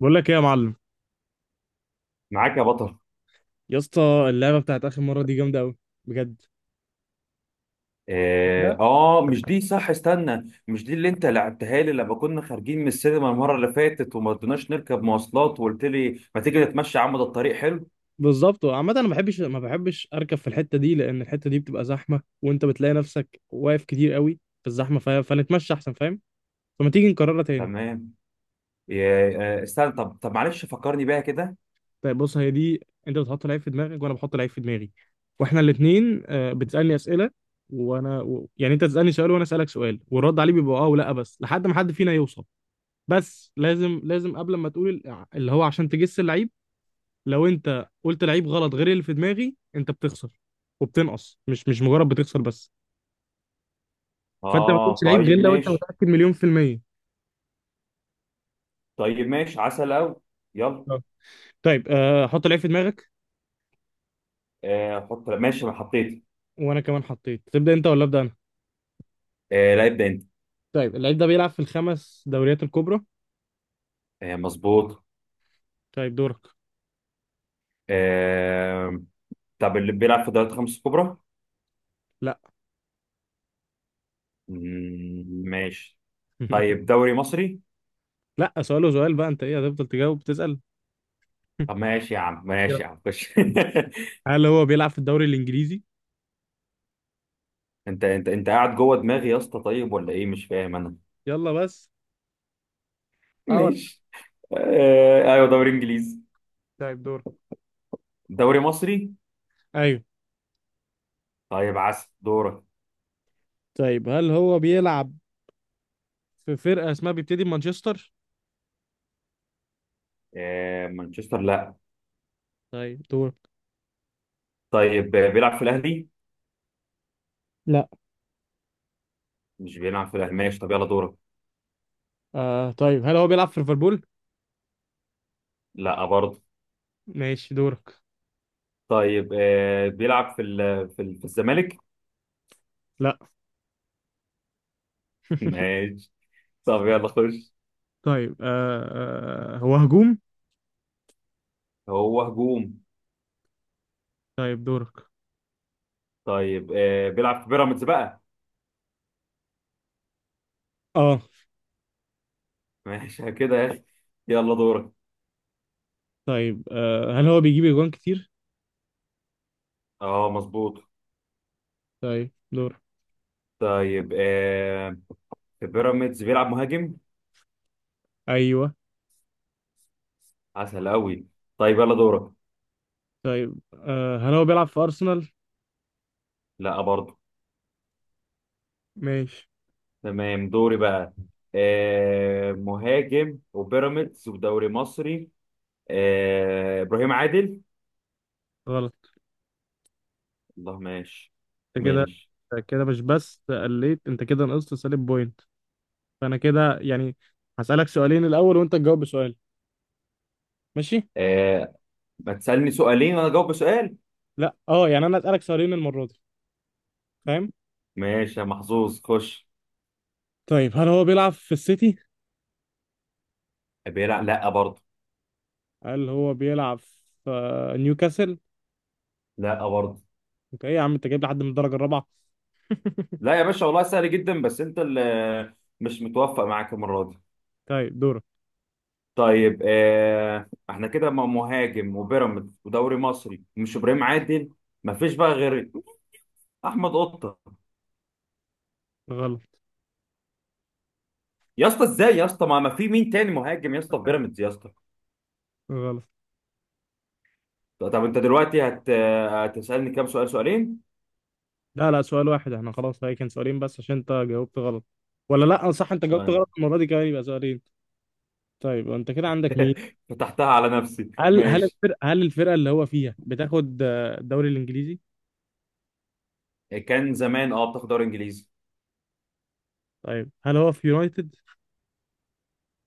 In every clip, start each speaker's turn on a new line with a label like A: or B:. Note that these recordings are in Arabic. A: بقول لك ايه يا معلم،
B: معاك يا بطل.
A: يا اسطى. اللعبه بتاعت اخر مره دي جامده قوي، بجد. كده؟
B: مش دي، صح، استنى، مش دي اللي انت لعبتها لي لما كنا خارجين من السينما المره اللي فاتت وما رضيناش نركب مواصلات وقلت لي ما تيجي نتمشى يا عم، ده الطريق حلو.
A: بالظبط. عامه انا ما بحبش اركب في الحته دي، لان الحته دي بتبقى زحمه وانت بتلاقي نفسك واقف كتير قوي في الزحمه، فنتمشى احسن، فاهم. فما تيجي نكررها تاني.
B: تمام. استنى طب معلش فكرني بيها كده.
A: طيب بص، هي دي: انت بتحط لعيب في دماغك وانا بحط لعيب في دماغي، واحنا الاثنين بتسالني اسئله، يعني انت تسالني سؤال وانا اسالك سؤال، والرد عليه بيبقى اه ولا بس، لحد ما حد فينا يوصل. بس لازم لازم قبل ما تقول اللي هو، عشان تجس اللعيب، لو انت قلت لعيب غلط غير اللي في دماغي انت بتخسر وبتنقص، مش مجرد بتخسر بس. فانت ما
B: اه
A: تقولش لعيب غير
B: طيب
A: لو انت
B: ماشي.
A: متأكد مليون في المية.
B: طيب ماشي، عسل اوي. يلا.
A: آه. طيب حط لعيب في دماغك.
B: آه حط، ماشي، انا حطيت.
A: وانا كمان حطيت. تبدأ انت ولا ابدأ انا؟
B: آه لا، ابدا انت.
A: طيب، اللعيب ده بيلعب في الخمس دوريات الكبرى.
B: آه مظبوط.
A: طيب دورك.
B: آه طب اللي بيلعب في دوري الخمس الكبرى.
A: لا.
B: ماشي. طيب دوري مصري.
A: لا، سؤاله سؤال، وسؤال بقى. انت ايه، هتفضل تجاوب تسأل؟
B: طب ماشي يا عم،
A: يلا.
B: ماشي يا عم، خش
A: هل هو بيلعب في الدوري الانجليزي؟
B: انت قاعد جوه دماغي يا اسطى، طيب ولا ايه؟ مش فاهم انا.
A: يلا بس. اه ولا.
B: ماشي. آه ايوه دوري انجليزي.
A: طيب دورك.
B: دوري مصري.
A: ايوه.
B: طيب عسل، دورك.
A: طيب هل هو بيلعب في فرقة اسمها بيبتدي بمانشستر؟
B: آه مانشستر لا.
A: طيب دورك.
B: طيب بيلعب في الاهلي.
A: لا.
B: مش بيلعب في الاهلي، ماشي، طب يلا دورك.
A: آه، طيب هل هو بيلعب في ليفربول؟
B: لا برضه.
A: ماشي دورك.
B: طيب بيلعب في ال في, ال في الزمالك.
A: لا.
B: ماشي. طب يلا خش.
A: طيب هو هجوم؟
B: هو هجوم.
A: طيب دورك.
B: طيب بيلعب في بيراميدز بقى.
A: اه.
B: ماشي كده يا اخي. يلا دورك.
A: طيب هل هو بيجيب اجوان كتير؟
B: اه مظبوط.
A: طيب دورك.
B: طيب في بيراميدز بيلعب مهاجم.
A: ايوه.
B: عسل قوي. طيب يلا دورك.
A: طيب هل هو بيلعب في ارسنال؟
B: لا برضه.
A: ماشي.
B: تمام دوري بقى. آه مهاجم وبيراميدز ودوري مصري. آه ابراهيم عادل.
A: غلط.
B: الله ماشي.
A: انت كده
B: ماشي،
A: أنت كده مش بس قليت، انت كده نقصت سالب بوينت. فانا كده يعني هسألك سؤالين الاول، وانت تجاوب بسؤال. ماشي؟
B: آه، ما تسألني سؤالين وانا اجاوب بسؤال.
A: لا اه، يعني انا اسألك سؤالين المرة دي. فاهم؟
B: ماشي يا محظوظ، خش.
A: طيب هل هو بيلعب في السيتي؟
B: بيلعب لا برضه.
A: قال هو بيلعب في نيوكاسل.
B: لا برضه.
A: انت ايه يا عم، انت جايب لحد من الدرجه الرابعه؟
B: لا يا باشا والله سهل جدا، بس انت اللي مش متوفق معاك المره دي.
A: طيب دورك.
B: طيب احنا كده مع مهاجم وبيراميدز ودوري مصري، مش ابراهيم عادل، مفيش بقى غير احمد قطه.
A: غلط.
B: يا اسطى ازاي يا اسطى؟ ما في مين تاني مهاجم يا اسطى في بيراميدز يا اسطى؟
A: غلط.
B: طب انت دلوقتي هت آه، هتسالني كام سؤال؟ سؤالين؟
A: لا لا، سؤال واحد. احنا خلاص، هي كان سؤالين بس عشان انت جاوبت غلط. ولا لا، آه، صح، انت جاوبت
B: طيب.
A: غلط المره دي كمان، يبقى سؤالين. طيب انت كده عندك مين؟
B: فتحتها على نفسي،
A: هل هل
B: ماشي.
A: الفرقه هل الفرقه اللي هو فيها بتاخد الدوري الانجليزي؟
B: كان زمان اه بتاخد دوري انجليزي.
A: طيب هل هو في يونايتد؟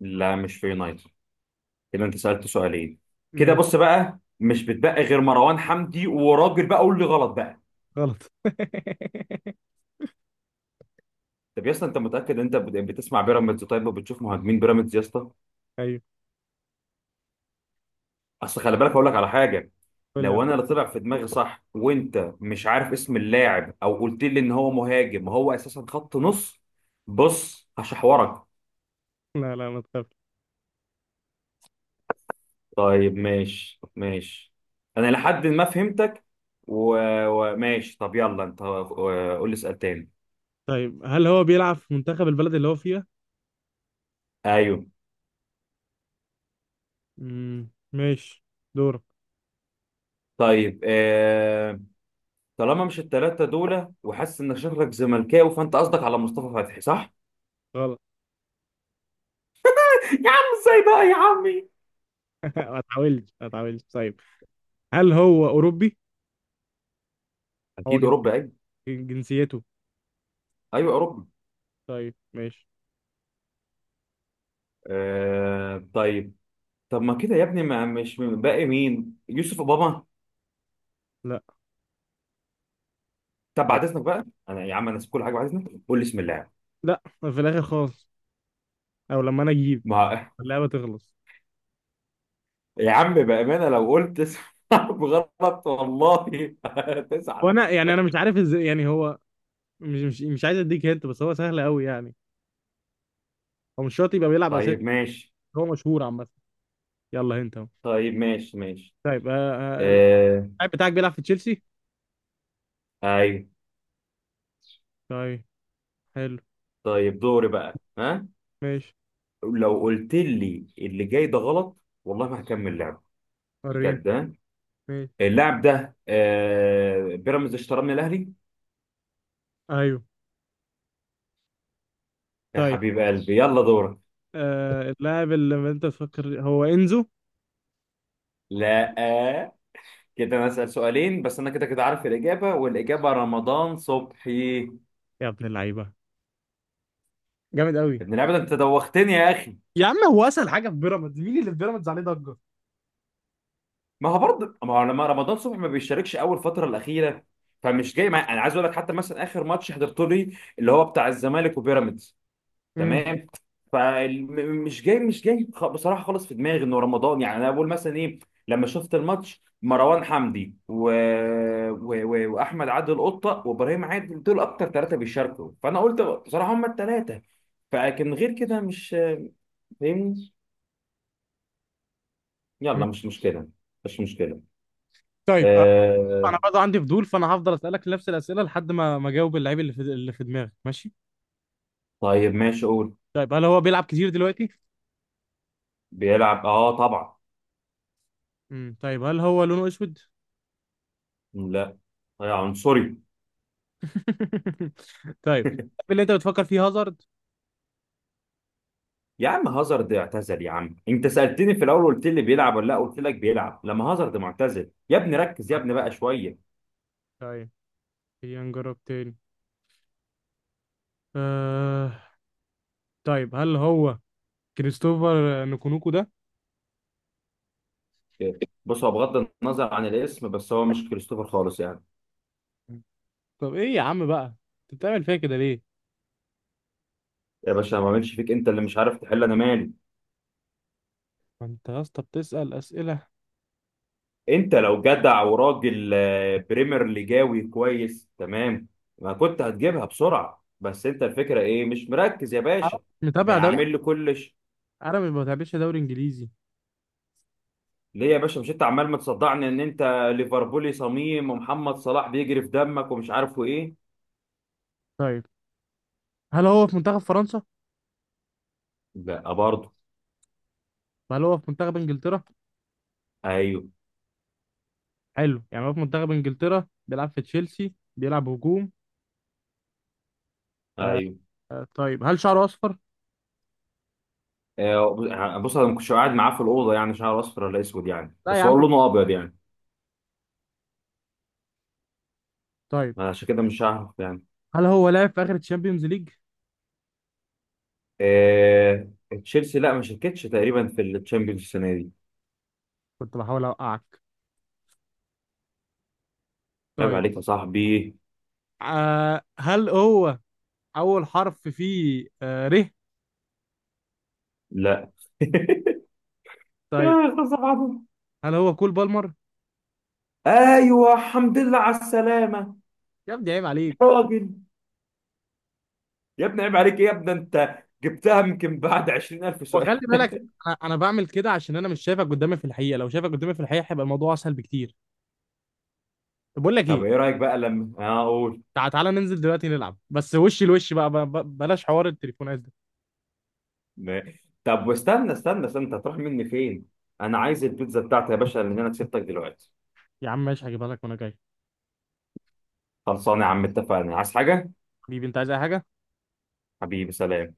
B: لا مش في يونايتد. كده انت سالت سؤالين. كده
A: ماشي.
B: بص بقى مش بتبقى غير مروان حمدي وراجل بقى، قول لي غلط بقى.
A: غلط.
B: طب يا اسطى انت متاكد؟ انت يعني بتسمع بيراميدز؟ طيب وبتشوف مهاجمين بيراميدز يا اسطى؟
A: ايوه.
B: اصل خلي بالك اقول لك على حاجه.
A: قول لي
B: لو
A: على
B: انا
A: حاجة.
B: اللي طلع في دماغي صح وانت مش عارف اسم اللاعب، او قلت لي ان هو مهاجم وهو اساسا خط نص، بص هشحورك.
A: لا لا، ما تخافش.
B: طيب ماشي ماشي. انا لحد ما فهمتك وماشي. طب يلا انت قول لي سؤال تاني.
A: طيب هل هو بيلعب في منتخب البلد اللي هو فيها؟
B: ايوه.
A: امم. ماشي. دورك.
B: طيب طالما مش التلاتة دول وحاسس ان شكلك زملكاوي، فانت قصدك على مصطفى فتحي، صح؟
A: غلط.
B: يا عم ازاي بقى يا عمي؟
A: ما اتعولش ما اتعولش. طيب هل هو أوروبي؟ هو
B: اكيد اوروبا، ايوه.
A: جنسيته.
B: ايوه اوروبا.
A: طيب ماشي.
B: آه طيب. طب ما كده يا ابني، ما مش من- باقي مين؟ يوسف اوباما؟
A: لا.
B: طب
A: طيب.
B: بعد اذنك بقى، انا يا عم انا نسيب كل حاجه، بعد اذنك قول لي بسم الله.
A: لا، في الآخر خالص، أو لما أنا أجيب
B: ما
A: اللعبة تخلص.
B: يا عم بامانه لو قلت اسم حرف غلط، والله هتزعل.
A: وأنا يعني مش عارف إزاي يعني. هو مش عايز أديك هنت، بس هو سهل أوي يعني. هو مش شرط يبقى بيلعب أساسي.
B: طيب ماشي.
A: هو مشهور عامة. يلا، هنت أهو.
B: طيب ماشي ماشي.
A: طيب
B: آه
A: اللاعب بتاعك بيلعب في تشيلسي؟
B: ايوه.
A: طيب. حلو.
B: طيب دوري بقى، ها.
A: ماشي.
B: لو قلت لي اللي جاي ده غلط، والله ما هكمل لعب.
A: وريني.
B: بجد.
A: ماشي.
B: اللاعب ده بيراميدز اشتراه من الاهلي.
A: أيوه.
B: يا
A: طيب
B: حبيب قلبي، يلا دورك.
A: اللاعب اللي انت تفكر هو انزو.
B: لا. كده انا اسال سؤالين بس، انا كده كده عارف الاجابه، والاجابه رمضان صبحي.
A: يا ابن اللعيبه، جامد قوي.
B: ابن اللعيبه ده، انت دوختني يا اخي.
A: يا عم، هو اسهل حاجه في بيراميدز. مين اللي في بيراميدز عليه ضجه؟
B: ما هو برضه، ما هو لما رمضان صبحي ما بيشاركش اول فتره الاخيره، فمش انا عايز اقول لك حتى مثلا اخر ماتش حضرته لي اللي هو بتاع الزمالك وبيراميدز،
A: امم.
B: تمام، فمش جاي، مش جاي خ- بصراحه خالص في دماغي انه رمضان، يعني انا بقول مثلا ايه، لما شفت الماتش مروان حمدي و... و... و... واحمد عادل قطه وابراهيم عادل، دول اكتر ثلاثه بيشاركوا، فانا قلت بصراحه هم الثلاثه، فلكن غير كده مش فاهمني.
A: أمم.
B: يلا مش مشكله، مش مشكله.
A: طيب
B: آه...
A: انا برضه عندي فضول، فانا هفضل اسالك نفس الاسئله لحد ما اجاوب اللعيب اللي في دماغك، ماشي.
B: طيب ماشي، قول.
A: طيب هل هو بيلعب كتير دلوقتي؟
B: بيلعب اه طبعا.
A: طيب هل هو لونه اسود؟
B: لا. آه عنصري
A: طيب. اللي انت بتفكر فيه هازارد.
B: يا عم هازارد اعتزل يا عم، انت سألتني في الاول قلت لي بيلعب ولا لا، قلت لك بيلعب. لما هازارد معتزل يا ابني، ركز يا ابني بقى شوية.
A: طيب خلينا نجرب تاني. آه... طيب هل هو كريستوفر نكونوكو ده؟
B: بص هو بغض النظر عن الاسم، بس هو مش كريستوفر خالص يعني.
A: طب ايه يا عم بقى، انت بتعمل فيا كده ليه؟
B: يا باشا ما اعملش فيك، انت اللي مش عارف تحل، انا مالي؟
A: ما انت يا اسطى بتسال اسئله.
B: انت لو جدع وراجل بريمير ليجاوي كويس تمام، ما كنت هتجيبها بسرعة، بس انت الفكرة ايه؟ مش مركز يا
A: أنا
B: باشا.
A: مش
B: ما
A: متابع دوري.
B: عامل لي كلش.
A: انا ما بتابعش دوري انجليزي.
B: ليه يا باشا؟ مش انت عمال متصدعني ان انت ليفربولي صميم ومحمد صلاح بيجري في دمك ومش عارفه ايه؟
A: طيب هل هو في منتخب فرنسا؟
B: لا برضه.
A: هل هو في منتخب انجلترا؟
B: ايوه.
A: حلو، يعني هو في منتخب انجلترا، بيلعب في تشيلسي، بيلعب هجوم.
B: ايوه.
A: آه، طيب هل شعره اصفر؟
B: بص انا ما كنتش قاعد معاه في الاوضه يعني، شعره اصفر ولا اسود يعني،
A: لا يا
B: بس
A: عم.
B: هو لونه ابيض يعني،
A: طيب
B: عشان كده مش هعرف يعني.
A: هل هو لعب في اخر الشامبيونز ليج؟
B: آه، تشيلسي لا ما شاركتش تقريبا في الشامبيونز السنه دي.
A: كنت بحاول اوقعك.
B: عيب
A: طيب
B: عليك يا صاحبي.
A: هل هو اول حرف فيه ر؟
B: لا يا
A: طيب
B: أستاذ عبد.
A: هل هو كول بالمر؟
B: ايوه، الحمد لله على السلامه.
A: يا ابني عيب عليك.
B: يا راجل، يا ابني عيب عليك إيه يا ابني؟ انت جبتها يمكن بعد 20,000 سؤال.
A: وخلي بالك، أنا بعمل كده عشان انا مش شايفك قدامي في الحقيقه، لو شايفك قدامي في الحقيقه هيبقى الموضوع اسهل بكتير. طب بقول لك
B: طب
A: ايه،
B: ايه رايك بقى لما اقول.
A: تعالى ننزل دلوقتي نلعب بس وش لوش بقى، بلاش حوار التليفونات ده.
B: ما- طب واستنى استنى انت هتروح مني فين؟ انا عايز البيتزا بتاعتي يا باشا، لان انا كسبتك دلوقتي.
A: يا عم ماشي، هجيبها لك وانا جاي.
B: خلصانه يا عم، اتفقنا؟ عايز حاجه؟
A: حبيبي، انت عايز اي حاجه؟
B: حبيبي سلام.